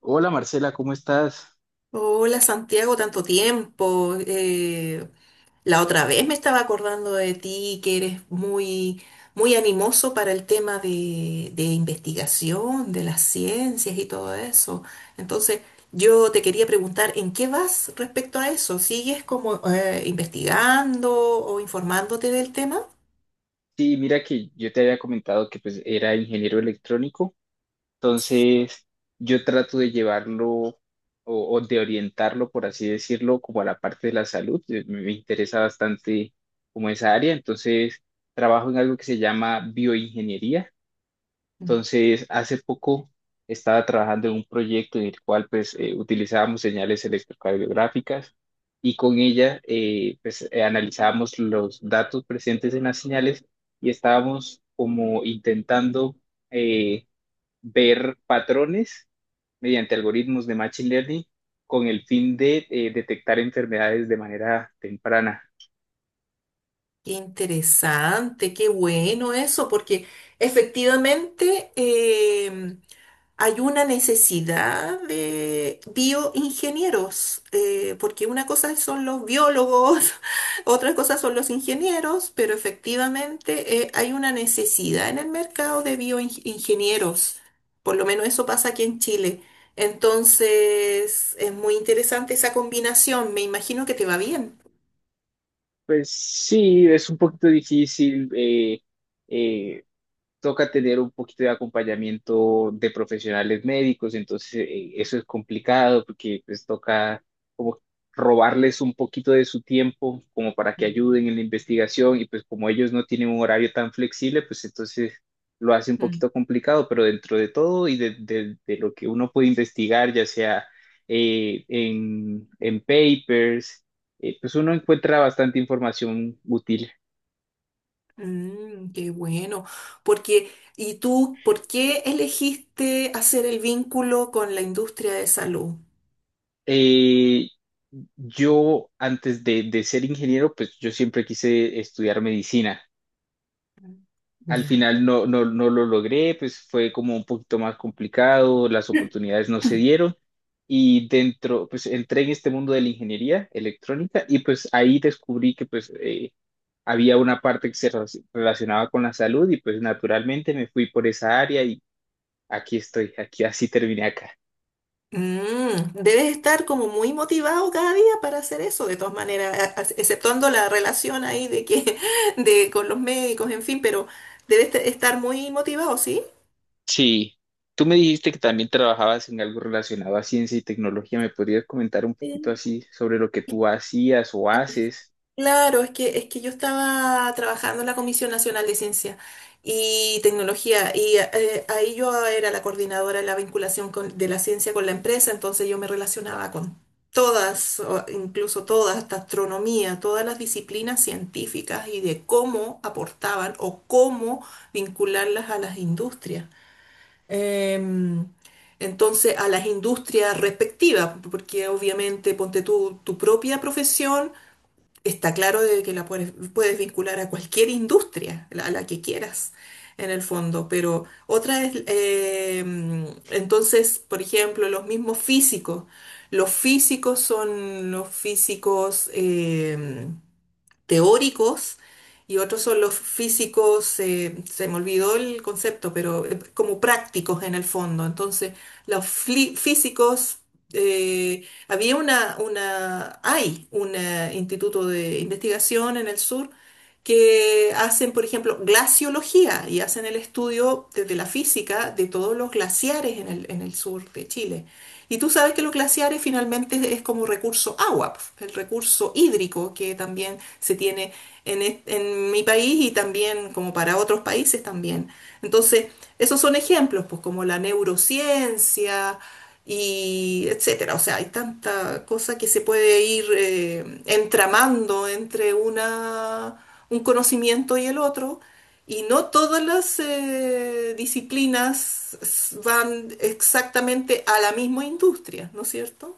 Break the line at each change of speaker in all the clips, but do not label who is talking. Hola Marcela, ¿cómo estás?
Hola Santiago, tanto tiempo. La otra vez me estaba acordando de ti, que eres muy, muy animoso para el tema de investigación, de las ciencias y todo eso. Entonces, yo te quería preguntar, ¿en qué vas respecto a eso? ¿Sigues como investigando o informándote del tema?
Sí, mira que yo te había comentado que pues era ingeniero electrónico, entonces yo trato de llevarlo o de orientarlo, por así decirlo, como a la parte de la salud. Me interesa bastante como esa área, entonces trabajo en algo que se llama bioingeniería. Entonces, hace poco estaba trabajando en un proyecto en el cual pues utilizábamos señales electrocardiográficas y con ella pues analizábamos los datos presentes en las señales y estábamos como intentando eh, ver patrones mediante algoritmos de machine learning con el fin de detectar enfermedades de manera temprana.
Qué interesante, qué bueno eso, porque efectivamente hay una necesidad de bioingenieros, porque una cosa son los biólogos, otra cosa son los ingenieros, pero efectivamente hay una necesidad en el mercado de bioingenieros, por lo menos eso pasa aquí en Chile. Entonces, es muy interesante esa combinación, me imagino que te va bien.
Pues sí, es un poquito difícil. Eh, Toca tener un poquito de acompañamiento de profesionales médicos, entonces eso es complicado porque pues toca como robarles un poquito de su tiempo como para que ayuden en la investigación y pues como ellos no tienen un horario tan flexible, pues entonces lo hace un poquito complicado, pero dentro de todo y de lo que uno puede investigar, ya sea en papers, pues uno encuentra bastante información útil.
Mm, qué bueno. Porque, ¿y tú por qué elegiste hacer el vínculo con la industria de salud?
Eh, yo antes de ser ingeniero, pues yo siempre quise estudiar medicina. Al
Ya.
final no, no, no lo logré, pues fue como un poquito más complicado, las oportunidades no se dieron y dentro, pues entré en este mundo de la ingeniería electrónica y pues ahí descubrí que pues había una parte que se relacionaba con la salud y pues naturalmente me fui por esa área y aquí estoy, aquí así terminé acá.
Debes estar como muy motivado cada día para hacer eso, de todas maneras, exceptuando la relación ahí de que, de con los médicos, en fin, pero debes estar muy motivado, ¿sí?
Sí, tú me dijiste que también trabajabas en algo relacionado a ciencia y tecnología. ¿Me podrías comentar un poquito
Sí.
así sobre lo que tú hacías o haces?
Claro, es que yo estaba trabajando en la Comisión Nacional de Ciencia y Tecnología y ahí yo era la coordinadora de la vinculación de la ciencia con la empresa, entonces yo me relacionaba con todas, o incluso todas, hasta astronomía, todas las disciplinas científicas y de cómo aportaban o cómo vincularlas a las industrias. Em, entonces, a las industrias respectivas, porque obviamente ponte tú tu propia profesión está claro de que la puedes, puedes vincular a cualquier industria, a la que quieras, en el fondo. Pero otra es, entonces, por ejemplo, los mismos físicos. Los físicos son los físicos teóricos, y otros son los físicos, se me olvidó el concepto, pero como prácticos en el fondo. Entonces, los físicos, eh, hay un instituto de investigación en el sur que hacen, por ejemplo, glaciología y hacen el estudio desde la física de todos los glaciares en el sur de Chile. Y tú sabes que los glaciares finalmente es como recurso agua, el recurso hídrico que también se tiene en mi país, y también como para otros países también. Entonces, esos son ejemplos, pues como la neurociencia y etcétera. O sea, hay tanta cosa que se puede ir entramando entre un conocimiento y el otro, y no todas las disciplinas van exactamente a la misma industria, ¿no es cierto?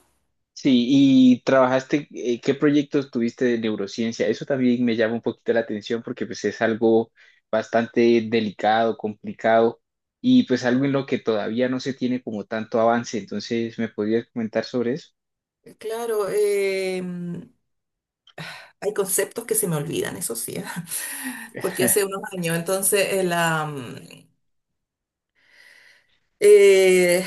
Sí, y trabajaste, ¿qué proyectos tuviste de neurociencia? Eso también me llama un poquito la atención porque pues es algo bastante delicado, complicado y pues algo en lo que todavía no se tiene como tanto avance. Entonces, ¿me podrías comentar sobre eso?
Claro, hay conceptos que se me olvidan, eso sí, porque hace unos años, entonces eh,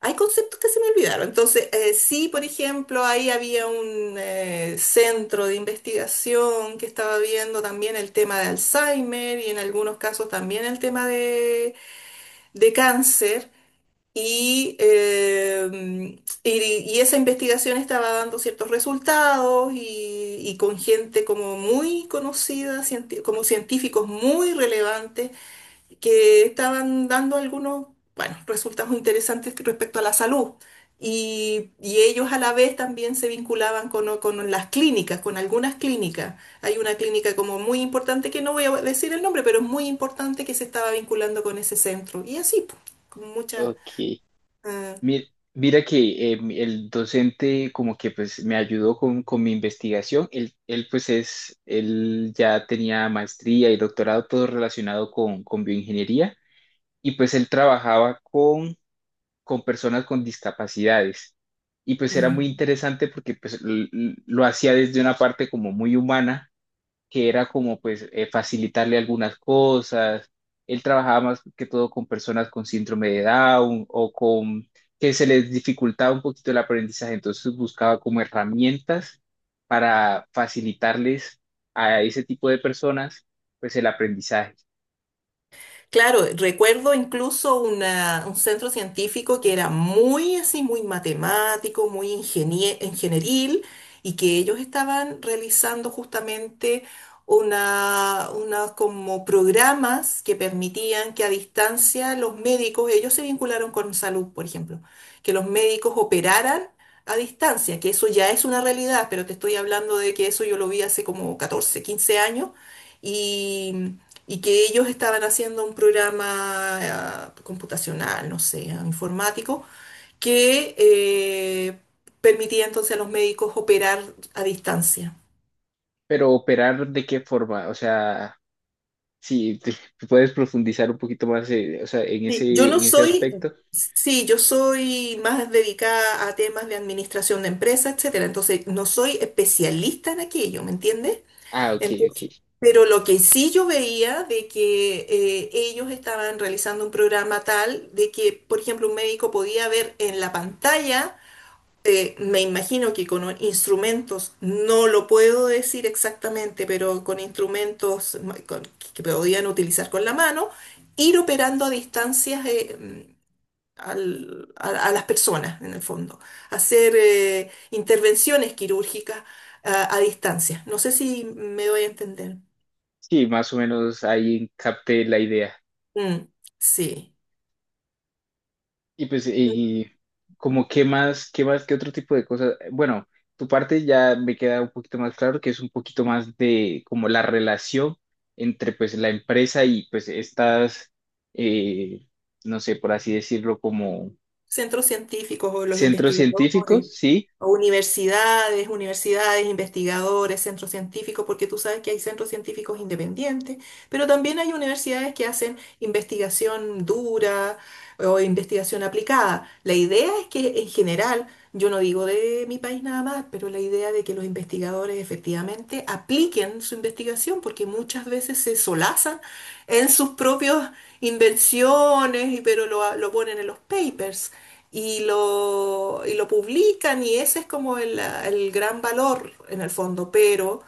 hay conceptos que se me olvidaron. Entonces, sí, por ejemplo, ahí había un centro de investigación que estaba viendo también el tema de Alzheimer y en algunos casos también el tema de cáncer. Y, eh, y esa investigación estaba dando ciertos resultados, y con gente como muy conocida, como científicos muy relevantes que estaban dando algunos, bueno, resultados interesantes respecto a la salud. Y ellos a la vez también se vinculaban con las clínicas, con algunas clínicas. Hay una clínica como muy importante, que no voy a decir el nombre, pero es muy importante, que se estaba vinculando con ese centro. Y así, pues, con muchas...
Ok.
ah,
Mi- Mira que el docente como que pues me ayudó con mi investigación. Él pues es, él ya tenía maestría y doctorado, todo relacionado con bioingeniería y pues él trabajaba con personas con discapacidades. Y pues era muy
mm.
interesante porque pues lo hacía desde una parte como muy humana que era como pues facilitarle algunas cosas. Él trabajaba más que todo con personas con síndrome de Down o con que se les dificultaba un poquito el aprendizaje, entonces buscaba como herramientas para facilitarles a ese tipo de personas pues el aprendizaje.
Claro, recuerdo incluso un centro científico que era muy así, muy matemático, muy ingenieril, y que ellos estaban realizando justamente una como programas que permitían que a distancia los médicos, ellos se vincularon con salud, por ejemplo, que los médicos operaran a distancia, que eso ya es una realidad, pero te estoy hablando de que eso yo lo vi hace como 14 15 años, y que ellos estaban haciendo un programa computacional, no sé, informático, que permitía entonces a los médicos operar a distancia.
Pero operar de qué forma, o sea, si te- puedes profundizar un poquito más, o sea, en
Sí, yo no
ese
soy,
aspecto.
sí, yo soy más dedicada a temas de administración de empresas, etcétera, entonces no soy especialista en aquello, ¿me entiendes?
Ah, ok,
Entonces,
ok.
pero lo que sí yo veía de que ellos estaban realizando un programa tal de que, por ejemplo, un médico podía ver en la pantalla, me imagino que con instrumentos, no lo puedo decir exactamente, pero con instrumentos que podían utilizar con la mano, ir operando a distancias a las personas, en el fondo. Hacer intervenciones quirúrgicas a distancia. No sé si me doy a entender.
Sí, más o menos ahí capté la idea.
Mm, sí.
Y pues, y como qué más, qué más, qué otro tipo de cosas. Bueno, tu parte ya me queda un poquito más claro, que es un poquito más de como la relación entre pues la empresa y pues estas, eh, no sé, por así decirlo, como
Centros científicos o los
centros científicos,
investigadores,
¿sí?
o universidades, investigadores, centros científicos, porque tú sabes que hay centros científicos independientes, pero también hay universidades que hacen investigación dura, o investigación aplicada. La idea es que, en general, yo no digo de mi país nada más, pero la idea de que los investigadores efectivamente apliquen su investigación, porque muchas veces se solazan en sus propios invenciones, y pero lo ponen en los papers y lo publican, y ese es como el gran valor en el fondo, pero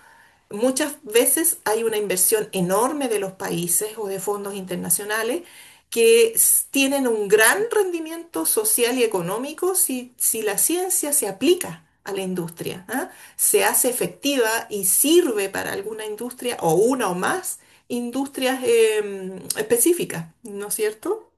muchas veces hay una inversión enorme de los países o de fondos internacionales que tienen un gran rendimiento social y económico si, si la ciencia se aplica a la industria, ¿ah? Se hace efectiva y sirve para alguna industria, o una o más industrias específicas, ¿no es cierto?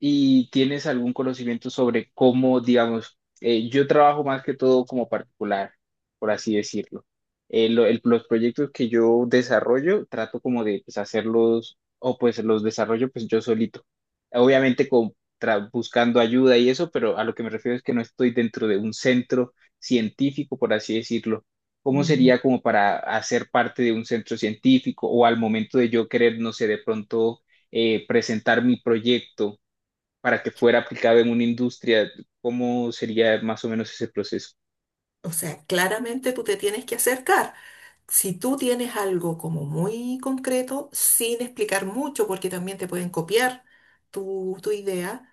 ¿Y tienes algún conocimiento sobre cómo, digamos, yo trabajo más que todo como particular, por así decirlo? Los proyectos que yo desarrollo, trato como de pues hacerlos, o pues los desarrollo pues yo solito. Obviamente con, buscando ayuda y eso, pero a lo que me refiero es que no estoy dentro de un centro científico, por así decirlo. ¿Cómo
Mm.
sería como para hacer parte de un centro científico o al momento de yo querer, no sé, de pronto presentar mi proyecto para que fuera aplicado en una industria, cómo sería más o menos ese proceso?
O sea, claramente tú te tienes que acercar. Si tú tienes algo como muy concreto, sin explicar mucho, porque también te pueden copiar tu idea,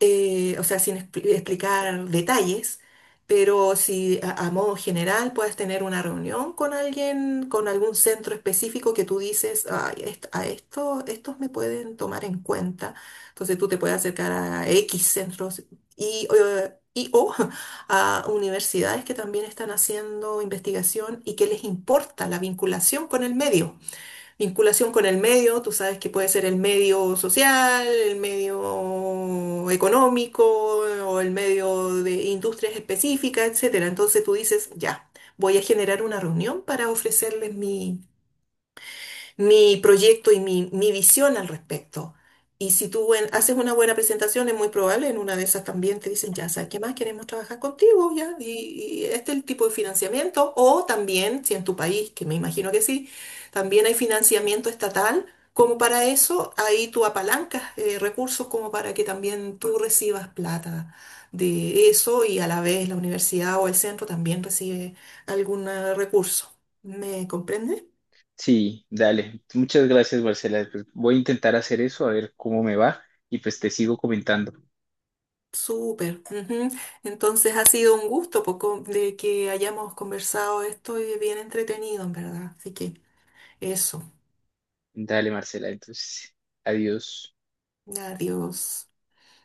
o sea, sin explicar detalles, pero si a modo general puedes tener una reunión con alguien, con algún centro específico que tú dices: "Ay, estos me pueden tomar en cuenta". Entonces tú te puedes acercar a X centros y o a universidades que también están haciendo investigación y que les importa la vinculación con el medio. Vinculación con el medio, tú sabes que puede ser el medio social, el medio económico o el medio de industrias específicas, etcétera. Entonces tú dices: ya, voy a generar una reunión para ofrecerles mi proyecto y mi visión al respecto. Y si tú haces una buena presentación, es muy probable en una de esas también te dicen: ya sabes qué más, queremos trabajar contigo, ya, y este es el tipo de financiamiento. O también, si en tu país, que me imagino que sí, también hay financiamiento estatal, como para eso, ahí tú apalancas recursos como para que también tú recibas plata de eso, y a la vez la universidad o el centro también recibe algún recurso. ¿Me comprendes?
Sí, dale. Muchas gracias, Marcela. Pues voy a intentar hacer eso, a ver cómo me va y pues te sigo comentando.
Súper. Ujú. Entonces, ha sido un gusto poco de que hayamos conversado esto y bien entretenido, en verdad. Así que eso.
Dale, Marcela. Entonces, adiós.
Adiós.